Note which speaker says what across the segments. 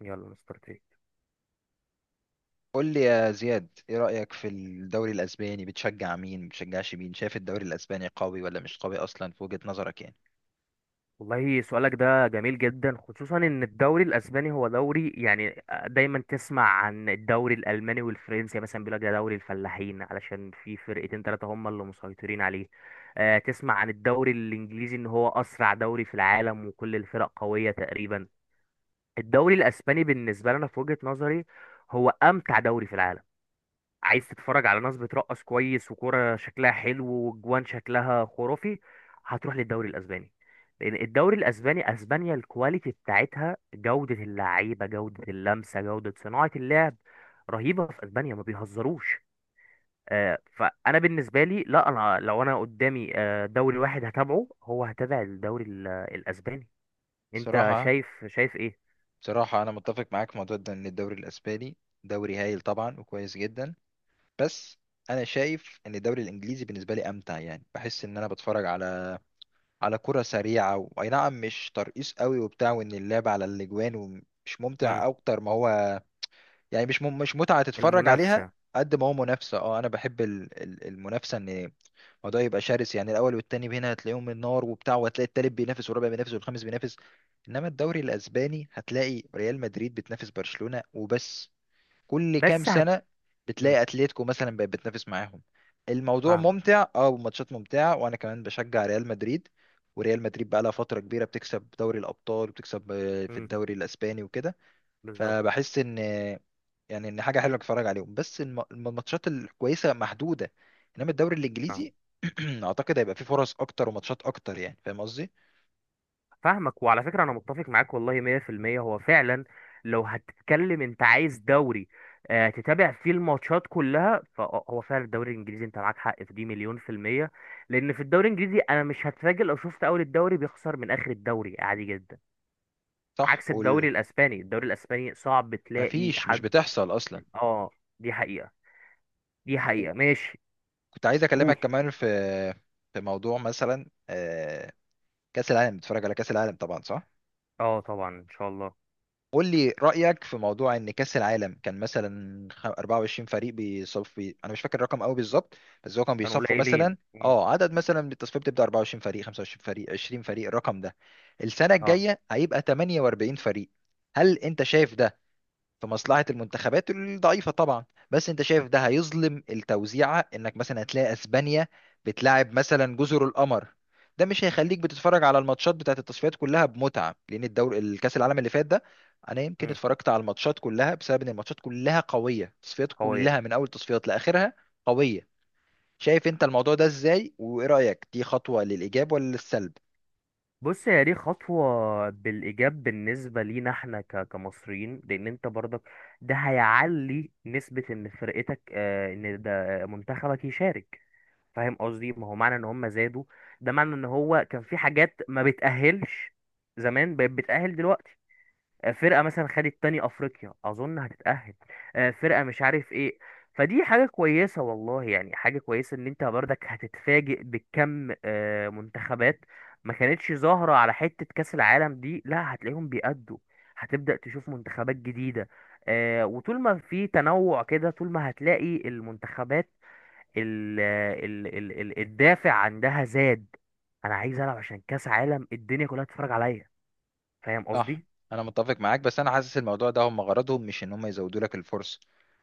Speaker 1: يلا مستر تريك.
Speaker 2: قول لي يا زياد، ايه رأيك في الدوري الاسباني؟ بتشجع مين؟ بتشجعش مين؟ شايف الدوري الاسباني قوي ولا مش قوي اصلا في وجهة نظرك يعني؟
Speaker 1: والله سؤالك ده جميل جدا، خصوصا ان الدوري الاسباني هو دوري يعني، دايما تسمع عن الدوري الالماني والفرنسي يعني، مثلا بيقول لك ده دوري الفلاحين علشان في فرقتين ثلاثه هم اللي مسيطرين عليه. تسمع عن الدوري الانجليزي ان هو اسرع دوري في العالم وكل الفرق قويه تقريبا. الدوري الاسباني بالنسبه لنا في وجهه نظري هو امتع دوري في العالم. عايز تتفرج على ناس بترقص كويس وكرة شكلها حلو وجوان شكلها خرافي، هتروح للدوري الاسباني. لان الدوري الاسباني، اسبانيا، الكواليتي بتاعتها، جودة اللعيبة، جودة اللمسة، جودة صناعة اللعب رهيبة. في اسبانيا ما بيهزروش. فانا بالنسبة لي، لا، انا لو انا قدامي دوري واحد هتابعه، هو هتابع الدوري الاسباني. انت
Speaker 2: بصراحة
Speaker 1: شايف، ايه؟
Speaker 2: بصراحة، انا متفق معاك في موضوع ده ان الدوري الاسباني دوري هايل طبعا وكويس جدا. بس انا شايف ان الدوري الانجليزي بالنسبة لي امتع. يعني بحس ان انا بتفرج على كرة سريعة و- واي نعم، مش ترقيص قوي وبتاع، وان اللعب على الاجوان، ومش
Speaker 1: مم.
Speaker 2: ممتع اكتر ما هو. يعني مش مش متعة تتفرج عليها
Speaker 1: المنافسة.
Speaker 2: قد ما هو منافسة. اه انا بحب المنافسة، ان الموضوع يبقى شرس. يعني الاول والتاني هنا هتلاقيهم النار وبتاع، وهتلاقي التالت بينافس والرابع بينافس والخامس بينافس. انما الدوري الاسباني هتلاقي ريال مدريد بتنافس برشلونة وبس. كل كام
Speaker 1: بس هت
Speaker 2: سنة
Speaker 1: مم.
Speaker 2: بتلاقي اتلتيكو مثلا بقت بتنافس معاهم. الموضوع
Speaker 1: فاهمك.
Speaker 2: ممتع، الماتشات ممتعة، وانا كمان بشجع ريال مدريد. وريال مدريد بقى لها فترة كبيرة بتكسب دوري الابطال وبتكسب في
Speaker 1: مم.
Speaker 2: الدوري الاسباني وكده.
Speaker 1: بالظبط.
Speaker 2: فبحس ان، يعني ان حاجه حلوه اتفرج عليهم، بس الماتشات الكويسه محدوده. انما الدوري
Speaker 1: آه.
Speaker 2: الانجليزي اعتقد هيبقى فيه فرص اكتر وماتشات اكتر. يعني فاهم قصدي؟
Speaker 1: فاهمك، وعلى فكرة أنا متفق معاك والله 100%. هو فعلا لو هتتكلم أنت عايز دوري تتابع فيه الماتشات كلها، فهو فعلا الدوري الإنجليزي. أنت معاك حق في دي مليون في المية. لأن في الدوري الإنجليزي أنا مش هتفاجئ لو شفت أول الدوري بيخسر من آخر الدوري، عادي جدا.
Speaker 2: صح.
Speaker 1: عكس
Speaker 2: وال...
Speaker 1: الدوري الأسباني، الدوري الأسباني صعب تلاقي
Speaker 2: مفيش، مش
Speaker 1: حد.
Speaker 2: بتحصل اصلا.
Speaker 1: آه. دي حقيقة. دي حقيقة، ماشي.
Speaker 2: كنت عايز اكلمك
Speaker 1: قول.
Speaker 2: كمان في موضوع مثلا كاس العالم. بتتفرج على كاس العالم طبعا، صح؟
Speaker 1: آه، طبعا إن شاء الله.
Speaker 2: قول لي رأيك في موضوع ان كأس العالم كان مثلا 24 فريق بيصفي. انا مش فاكر الرقم قوي بالظبط. بس هو كان
Speaker 1: كانوا
Speaker 2: بيصفوا مثلا
Speaker 1: قليلين. مم.
Speaker 2: اه عدد، مثلا من التصفية بتبدأ 24 فريق، 25 فريق، 20 فريق. الرقم ده السنة
Speaker 1: آه.
Speaker 2: الجاية هيبقى 48 فريق. هل انت شايف ده في مصلحة المنتخبات الضعيفة؟ طبعا. بس انت شايف ده هيظلم التوزيعة، انك مثلا هتلاقي اسبانيا بتلاعب مثلا جزر القمر. ده مش هيخليك بتتفرج على الماتشات بتاعت التصفيات كلها بمتعة، لان الدور الكاس العالم اللي فات ده انا يمكن
Speaker 1: مم.
Speaker 2: اتفرجت على الماتشات كلها بسبب ان الماتشات كلها قوية، التصفيات
Speaker 1: قوية.
Speaker 2: كلها من اول التصفيات لاخرها قوية. شايف انت الموضوع ده ازاي؟ وايه رأيك، دي خطوة للايجاب ولا للسلب؟
Speaker 1: بص، هي دي خطوة بالإيجاب بالنسبة لينا احنا كمصريين، لأن انت برضك ده هيعلي نسبة إن فرقتك إن ده منتخبك يشارك. فاهم قصدي؟ ما هو معنى إن هم زادوا، ده معنى إن هو كان في حاجات ما بتأهلش زمان بقت بتأهل دلوقتي. فرقه مثلا خدت تاني افريقيا اظن هتتاهل، فرقه مش عارف ايه. فدي حاجه كويسه والله، يعني حاجه كويسه ان انت برضك هتتفاجئ بكم منتخبات ما كانتش ظاهره على حته كاس العالم دي، لا، هتلاقيهم بيأدوا. هتبدأ تشوف منتخبات جديده، وطول ما في تنوع كده، طول ما هتلاقي المنتخبات ال ال ال ال الدافع عندها زاد. انا عايز العب عشان كاس عالم الدنيا كلها تتفرج عليا. فاهم
Speaker 2: صح.
Speaker 1: قصدي.
Speaker 2: انا متفق معاك، بس انا حاسس الموضوع ده هم غرضهم مش ان هم يزودوا لك الفرصه.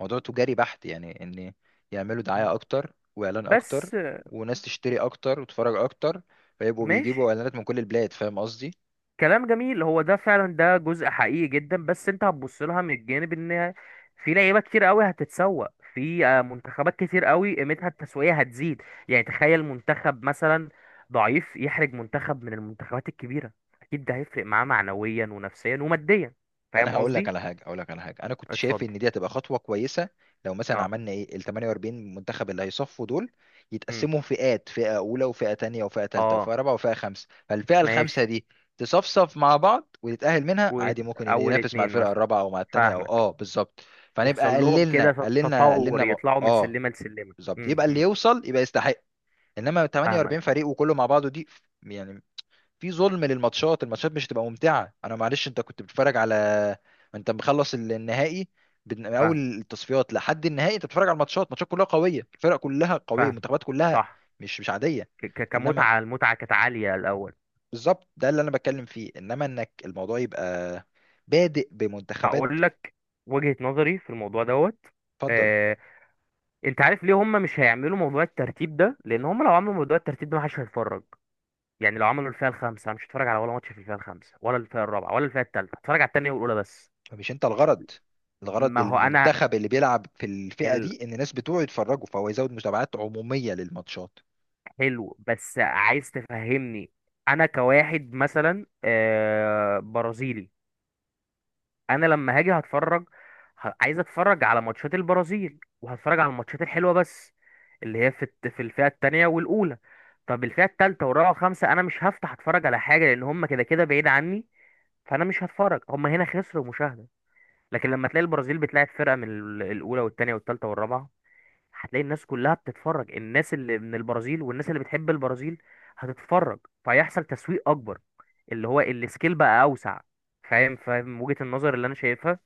Speaker 2: موضوع تجاري بحت، يعني ان يعملوا دعايه اكتر واعلان اكتر،
Speaker 1: بس.
Speaker 2: وناس تشتري اكتر وتتفرج اكتر، فيبقوا بيجيبوا
Speaker 1: ماشي.
Speaker 2: اعلانات من كل البلاد. فاهم قصدي؟
Speaker 1: كلام جميل، هو ده فعلا، ده جزء حقيقي جدا، بس انت هتبص لها من الجانب ان في لعيبه كتير قوي هتتسوق، في منتخبات كتير قوي قيمتها التسويقيه هتزيد. يعني تخيل منتخب مثلا ضعيف يحرج منتخب من المنتخبات الكبيره، اكيد ده هيفرق معاه معنويا ونفسيا وماديا.
Speaker 2: ما انا
Speaker 1: فاهم
Speaker 2: هقول لك
Speaker 1: قصدي.
Speaker 2: على حاجه هقول لك على حاجه انا كنت شايف
Speaker 1: اتفضل.
Speaker 2: ان دي هتبقى خطوه كويسه. لو مثلا
Speaker 1: اه.
Speaker 2: عملنا ايه ال 48 منتخب اللي هيصفوا دول،
Speaker 1: امم
Speaker 2: يتقسموا فئات: فئه اولى وفئه تانية وفئه تالتة
Speaker 1: اه.
Speaker 2: وفئه رابعه وفئه خمسه. فالفئه الخمسه
Speaker 1: ماشي.
Speaker 2: دي تصفصف مع بعض وتتاهل منها عادي، ممكن
Speaker 1: واول
Speaker 2: ينافس مع
Speaker 1: اتنين
Speaker 2: الفرقه
Speaker 1: مثلا.
Speaker 2: الرابعه او مع التانية، او
Speaker 1: فاهمك.
Speaker 2: بالظبط. فنبقى
Speaker 1: يحصل لهم
Speaker 2: قللنا
Speaker 1: كده
Speaker 2: قللنا
Speaker 1: تطور،
Speaker 2: قللنا م...
Speaker 1: يطلعوا من سلمه لسلمه.
Speaker 2: بالظبط، يبقى اللي يوصل يبقى يستحق. انما 48
Speaker 1: فاهمك
Speaker 2: فريق وكله مع بعضه دي، يعني في ظلم للماتشات. الماتشات مش هتبقى ممتعة. انا معلش، انت كنت بتتفرج على، ما انت مخلص النهائي، من اول
Speaker 1: فاهمك
Speaker 2: التصفيات لحد النهائي انت بتتفرج على الماتشات، الماتشات كلها قوية الفرق كلها قوية
Speaker 1: فاهم.
Speaker 2: المنتخبات كلها،
Speaker 1: صح.
Speaker 2: مش عادية.
Speaker 1: ك- ك-
Speaker 2: انما
Speaker 1: كمتعة المتعة كانت عالية الأول.
Speaker 2: بالظبط، ده اللي انا بتكلم فيه، انما انك الموضوع يبقى بادئ بمنتخبات.
Speaker 1: هقول لك وجهة نظري في الموضوع دوت.
Speaker 2: اتفضل.
Speaker 1: آه، انت عارف ليه هم مش هيعملوا موضوع الترتيب ده؟ لان هم لو عملوا موضوع الترتيب ده محدش هيتفرج. يعني لو عملوا الفئة الخامسة، أنا مش هتفرج على ولا ماتش في الفئة الخامسة ولا الفئة الرابعة ولا الفئة التالتة، هتفرج على التانية والأولى بس.
Speaker 2: فمش انت الغرض، الغرض
Speaker 1: ما هو انا،
Speaker 2: المنتخب اللي بيلعب في الفئة دي ان الناس بتوعه يتفرجوا، فهو يزود متابعات عمومية للماتشات.
Speaker 1: الحلو بس عايز تفهمني. انا كواحد مثلا برازيلي، انا لما هاجي هتفرج، عايز اتفرج على ماتشات البرازيل وهتفرج على الماتشات الحلوه بس، اللي هي في في الفئه الثانيه والاولى. طب الفئه الثالثه والرابعه والخامسه انا مش هفتح اتفرج على حاجه، لان هم كده كده بعيد عني، فانا مش هتفرج، هم هنا خسروا مشاهده. لكن لما تلاقي البرازيل بتلاعب فرقه من الاولى والثانيه والثالثه والرابعه، هتلاقي الناس كلها بتتفرج، الناس اللي من البرازيل والناس اللي بتحب البرازيل هتتفرج، فيحصل تسويق اكبر، اللي هو السكيل بقى اوسع. فاهم وجهة النظر اللي انا شايفها.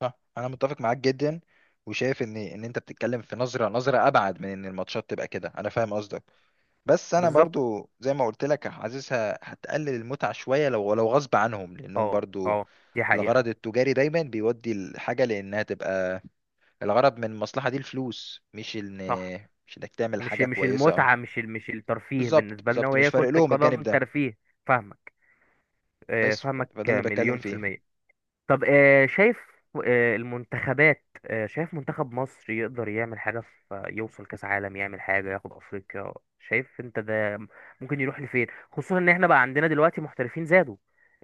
Speaker 2: صح. انا متفق معاك جدا، وشايف ان انت بتتكلم في نظره ابعد من ان الماتشات تبقى كده. انا فاهم قصدك. بس انا
Speaker 1: بالظبط.
Speaker 2: برضو زي ما قلت لك حاسسها هتقلل المتعه شويه، لو غصب عنهم لانهم
Speaker 1: اه.
Speaker 2: برضو
Speaker 1: اه. دي حقيقة.
Speaker 2: الغرض التجاري دايما بيودي الحاجه لانها تبقى الغرض من المصلحه دي الفلوس، مش ان
Speaker 1: صح.
Speaker 2: مش انك تعمل
Speaker 1: مش،
Speaker 2: حاجه كويسه. اه
Speaker 1: المتعة، مش الترفيه
Speaker 2: بالظبط،
Speaker 1: بالنسبة لنا
Speaker 2: بالظبط، مش
Speaker 1: وهي
Speaker 2: فارق
Speaker 1: كرة
Speaker 2: لهم الجانب
Speaker 1: القدم
Speaker 2: ده.
Speaker 1: ترفيه. فاهمك.
Speaker 2: بس،
Speaker 1: فاهمك
Speaker 2: فده اللي بتكلم
Speaker 1: مليون في
Speaker 2: فيه.
Speaker 1: المية. طب شايف، المنتخبات شايف منتخب مصر يقدر يعمل حاجة في، يوصل كأس عالم، يعمل حاجة ياخد أفريقيا؟ شايف انت ده ممكن يروح لفين؟ خصوصا ان احنا بقى عندنا دلوقتي محترفين زادوا،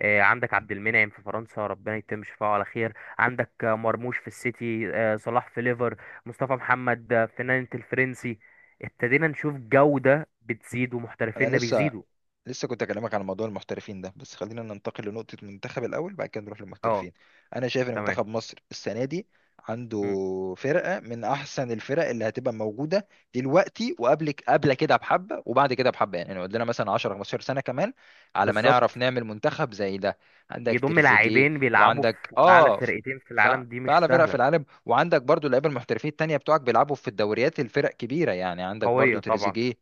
Speaker 1: عندك عبد المنعم في فرنسا، ربنا يتم شفاعه على خير، عندك مرموش في السيتي، صلاح في ليفر، مصطفى محمد في نانت الفرنسي. ابتدينا نشوف جودة بتزيد
Speaker 2: انا
Speaker 1: ومحترفيننا
Speaker 2: لسه
Speaker 1: بيزيدوا.
Speaker 2: لسه كنت اكلمك عن موضوع المحترفين ده، بس خلينا ننتقل لنقطة المنتخب الاول، بعد كده نروح
Speaker 1: اه.
Speaker 2: للمحترفين. انا شايف ان
Speaker 1: تمام.
Speaker 2: منتخب مصر السنة دي عنده
Speaker 1: مم،.
Speaker 2: فرقة من احسن الفرق اللي هتبقى موجودة دلوقتي، وقبل كده بحبة وبعد كده بحبة، يعني قدنا مثلا 10 15 سنة كمان على ما
Speaker 1: بالظبط.
Speaker 2: نعرف نعمل منتخب زي ده. عندك
Speaker 1: يضم
Speaker 2: تريزيجيه،
Speaker 1: لاعبين بيلعبوا
Speaker 2: وعندك
Speaker 1: في أعلى فرقتين في
Speaker 2: ف...
Speaker 1: العالم، دي مش
Speaker 2: فأعلى فرق في
Speaker 1: سهلة.
Speaker 2: العالم، وعندك برضو اللعيبه المحترفين التانية بتوعك بيلعبوا في الدوريات الفرق كبيرة. يعني عندك برضو
Speaker 1: قوية طبعا.
Speaker 2: تريزيجيه.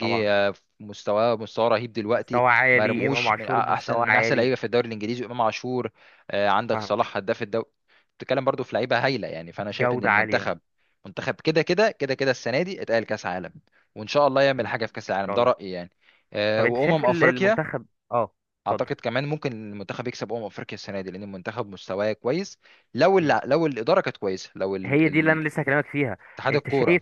Speaker 1: طبعا.
Speaker 2: مستواه رهيب دلوقتي.
Speaker 1: مستوى عالي، إمام
Speaker 2: مرموش من
Speaker 1: عاشور
Speaker 2: احسن،
Speaker 1: مستوى
Speaker 2: من احسن
Speaker 1: عالي.
Speaker 2: لعيبه في الدوري الانجليزي. امام عاشور، عندك
Speaker 1: فاهمك.
Speaker 2: صلاح هداف الدوري. بتتكلم برضو في لعيبه هايله. يعني فانا شايف ان
Speaker 1: جودة عالية.
Speaker 2: المنتخب كده كده كده كده السنه دي اتقال كاس عالم، وان شاء الله يعمل
Speaker 1: مم. إن
Speaker 2: حاجه في كاس العالم.
Speaker 1: شاء
Speaker 2: ده
Speaker 1: الله.
Speaker 2: رايي يعني.
Speaker 1: طب أنت شايف
Speaker 2: وامم افريقيا،
Speaker 1: المنتخب. أه. اتفضل.
Speaker 2: اعتقد كمان ممكن المنتخب يكسب افريقيا السنه دي لان المنتخب مستواه كويس، لو الاداره كانت كويسه، لو
Speaker 1: هي دي اللي انا لسه هكلمك فيها.
Speaker 2: اتحاد
Speaker 1: انت
Speaker 2: الكوره.
Speaker 1: شايف.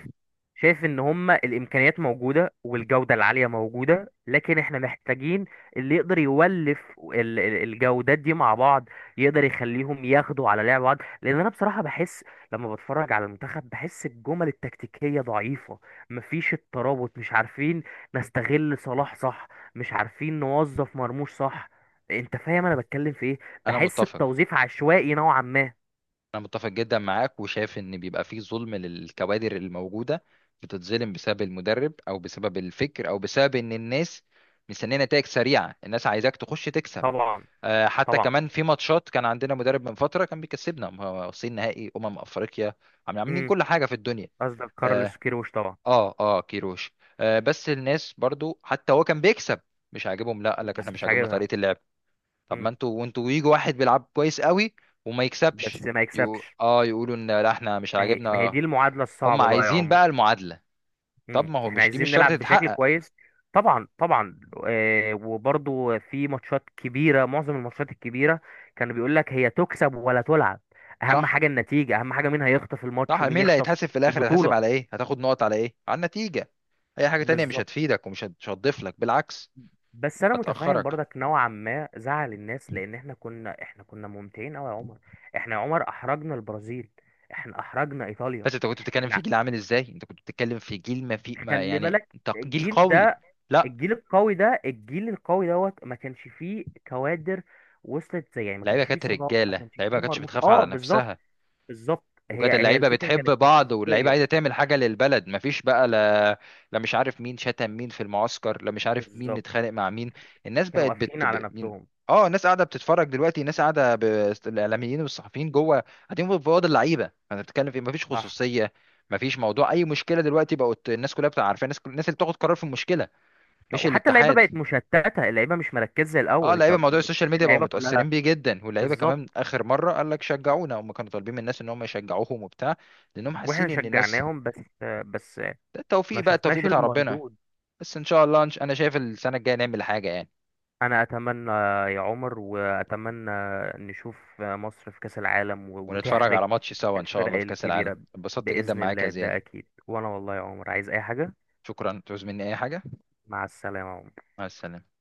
Speaker 1: ان هما الامكانيات موجوده والجوده العاليه موجوده، لكن احنا محتاجين اللي يقدر يولف الجودات دي مع بعض، يقدر يخليهم ياخدوا على لعب بعض، لان انا بصراحه بحس لما بتفرج على المنتخب، بحس الجمل التكتيكيه ضعيفه، مفيش الترابط، مش عارفين نستغل صلاح، صح، مش عارفين نوظف مرموش، صح. انت فاهم انا بتكلم في ايه؟
Speaker 2: انا
Speaker 1: بحس
Speaker 2: متفق
Speaker 1: التوظيف عشوائي نوعا ما.
Speaker 2: انا متفق جدا معاك، وشايف ان بيبقى فيه ظلم للكوادر الموجوده. بتتظلم بسبب المدرب او بسبب الفكر او بسبب ان الناس مستنيه نتائج سريعه، الناس عايزاك تخش تكسب.
Speaker 1: طبعا.
Speaker 2: حتى
Speaker 1: طبعا.
Speaker 2: كمان في ماتشات، كان عندنا مدرب من فتره كان بيكسبنا، ما هو واصلين نهائي افريقيا، عاملين كل حاجه في الدنيا.
Speaker 1: قصدك
Speaker 2: اه
Speaker 1: كارلوس كيروش، طبعا.
Speaker 2: كيروش. بس الناس برضو حتى هو كان بيكسب مش عاجبهم، لا، قال لك احنا
Speaker 1: بس
Speaker 2: مش
Speaker 1: مش
Speaker 2: عاجبنا
Speaker 1: عاجبها.
Speaker 2: طريقه اللعب. طب ما
Speaker 1: مم.
Speaker 2: انتوا وانتوا يجوا واحد بيلعب كويس قوي وما
Speaker 1: بس
Speaker 2: يكسبش،
Speaker 1: ما يكسبش.
Speaker 2: يقولوا ان لا احنا مش
Speaker 1: ما هي،
Speaker 2: عاجبنا.
Speaker 1: دي المعادلة
Speaker 2: هم
Speaker 1: الصعبة بقى يا
Speaker 2: عايزين
Speaker 1: عمر.
Speaker 2: بقى المعادلة. طب
Speaker 1: مم.
Speaker 2: ما هو
Speaker 1: احنا
Speaker 2: مش دي مش
Speaker 1: عايزين
Speaker 2: شرط
Speaker 1: نلعب بشكل
Speaker 2: تتحقق.
Speaker 1: كويس. طبعا، طبعا. آه، وبرضو في ماتشات كبيرة، معظم الماتشات الكبيرة كانوا بيقول لك هي تكسب ولا تلعب، اهم
Speaker 2: صح،
Speaker 1: حاجة النتيجة، اهم حاجة مين هيخطف
Speaker 2: صح.
Speaker 1: الماتش
Speaker 2: مين
Speaker 1: ومين
Speaker 2: اللي
Speaker 1: يخطف
Speaker 2: هيتحاسب في الاخر؟ هيتحاسب
Speaker 1: البطولة.
Speaker 2: على ايه؟ هتاخد نقط على ايه؟ على النتيجة. اي حاجة تانية مش
Speaker 1: بالظبط.
Speaker 2: هتفيدك ومش مش هتضيف لك، بالعكس،
Speaker 1: بس انا متفاهم
Speaker 2: هتأخرك.
Speaker 1: برضك نوعا ما زعل الناس، لان احنا كنا ممتعين قوي يا عمر. احنا يا عمر احرجنا البرازيل. احنا احرجنا ايطاليا.
Speaker 2: بس انت كنت بتتكلم في
Speaker 1: احنا
Speaker 2: جيل عامل ازاي؟ انت كنت بتتكلم في جيل، ما في ما،
Speaker 1: خلي
Speaker 2: يعني
Speaker 1: بالك
Speaker 2: انت جيل
Speaker 1: الجيل
Speaker 2: قوي.
Speaker 1: ده،
Speaker 2: لا،
Speaker 1: الجيل القوي ده، الجيل القوي دوت، ما كانش فيه كوادر وصلت زي، يعني ما
Speaker 2: اللعيبة
Speaker 1: كانش فيه
Speaker 2: كانت
Speaker 1: صلاح، ما
Speaker 2: رجالة،
Speaker 1: كانش
Speaker 2: اللعيبة ما
Speaker 1: فيه
Speaker 2: كانتش
Speaker 1: مرموش.
Speaker 2: بتخاف على
Speaker 1: اه، بالظبط.
Speaker 2: نفسها،
Speaker 1: بالظبط.
Speaker 2: وكانت
Speaker 1: هي
Speaker 2: اللعيبه
Speaker 1: الفكره
Speaker 2: بتحب
Speaker 1: كانت في
Speaker 2: بعض واللعيبه
Speaker 1: الشخصيه.
Speaker 2: عايزه تعمل حاجه للبلد. مفيش بقى، لا، لا مش عارف مين شتم مين في المعسكر، لا مش عارف مين
Speaker 1: بالظبط.
Speaker 2: اتخانق مع مين. الناس بقت
Speaker 1: كانوا قافلين على
Speaker 2: مين.
Speaker 1: نفسهم.
Speaker 2: اه الناس قاعده بتتفرج دلوقتي، الناس قاعده ب... الاعلاميين والصحفيين جوه قاعدين في اوض اللعيبه، انا بتكلم في إيه؟ مفيش
Speaker 1: صح.
Speaker 2: خصوصيه. مفيش موضوع، اي مشكله دلوقتي بقت الناس كلها بتبقى عارفه، الناس اللي بتاخد قرار في المشكله مش
Speaker 1: وحتى اللعيبه
Speaker 2: الاتحاد.
Speaker 1: بقت مشتته، اللعيبه مش مركزه زي
Speaker 2: اه
Speaker 1: الاول، انت
Speaker 2: اللعيبه موضوع السوشيال
Speaker 1: بتشوف
Speaker 2: ميديا بقوا
Speaker 1: اللعيبه كلها.
Speaker 2: متاثرين بيه جدا، واللعيبه كمان
Speaker 1: بالظبط.
Speaker 2: اخر مره قال لك شجعونا، هم كانوا طالبين من الناس ان هم يشجعوهم وبتاع، لانهم
Speaker 1: واحنا
Speaker 2: حاسين ان الناس.
Speaker 1: شجعناهم بس. بس
Speaker 2: ده
Speaker 1: ما
Speaker 2: التوفيق بقى التوفيق
Speaker 1: شفناش
Speaker 2: بتاع ربنا.
Speaker 1: المردود.
Speaker 2: بس ان شاء الله، انا شايف السنه الجايه نعمل حاجه يعني.
Speaker 1: انا اتمنى يا عمر، واتمنى نشوف مصر في كأس العالم
Speaker 2: ونتفرج على
Speaker 1: وتحرج
Speaker 2: ماتش سوا ان شاء
Speaker 1: الفرق
Speaker 2: الله في كاس العالم.
Speaker 1: الكبيرة.
Speaker 2: اتبسطت جدا
Speaker 1: باذن
Speaker 2: معاك يا
Speaker 1: الله
Speaker 2: زياد،
Speaker 1: ده اكيد، وانا والله يا عمر عايز اي حاجة.
Speaker 2: شكرا. تعوز مني اي حاجه؟
Speaker 1: مع السلامة يا عمر.
Speaker 2: مع السلامه.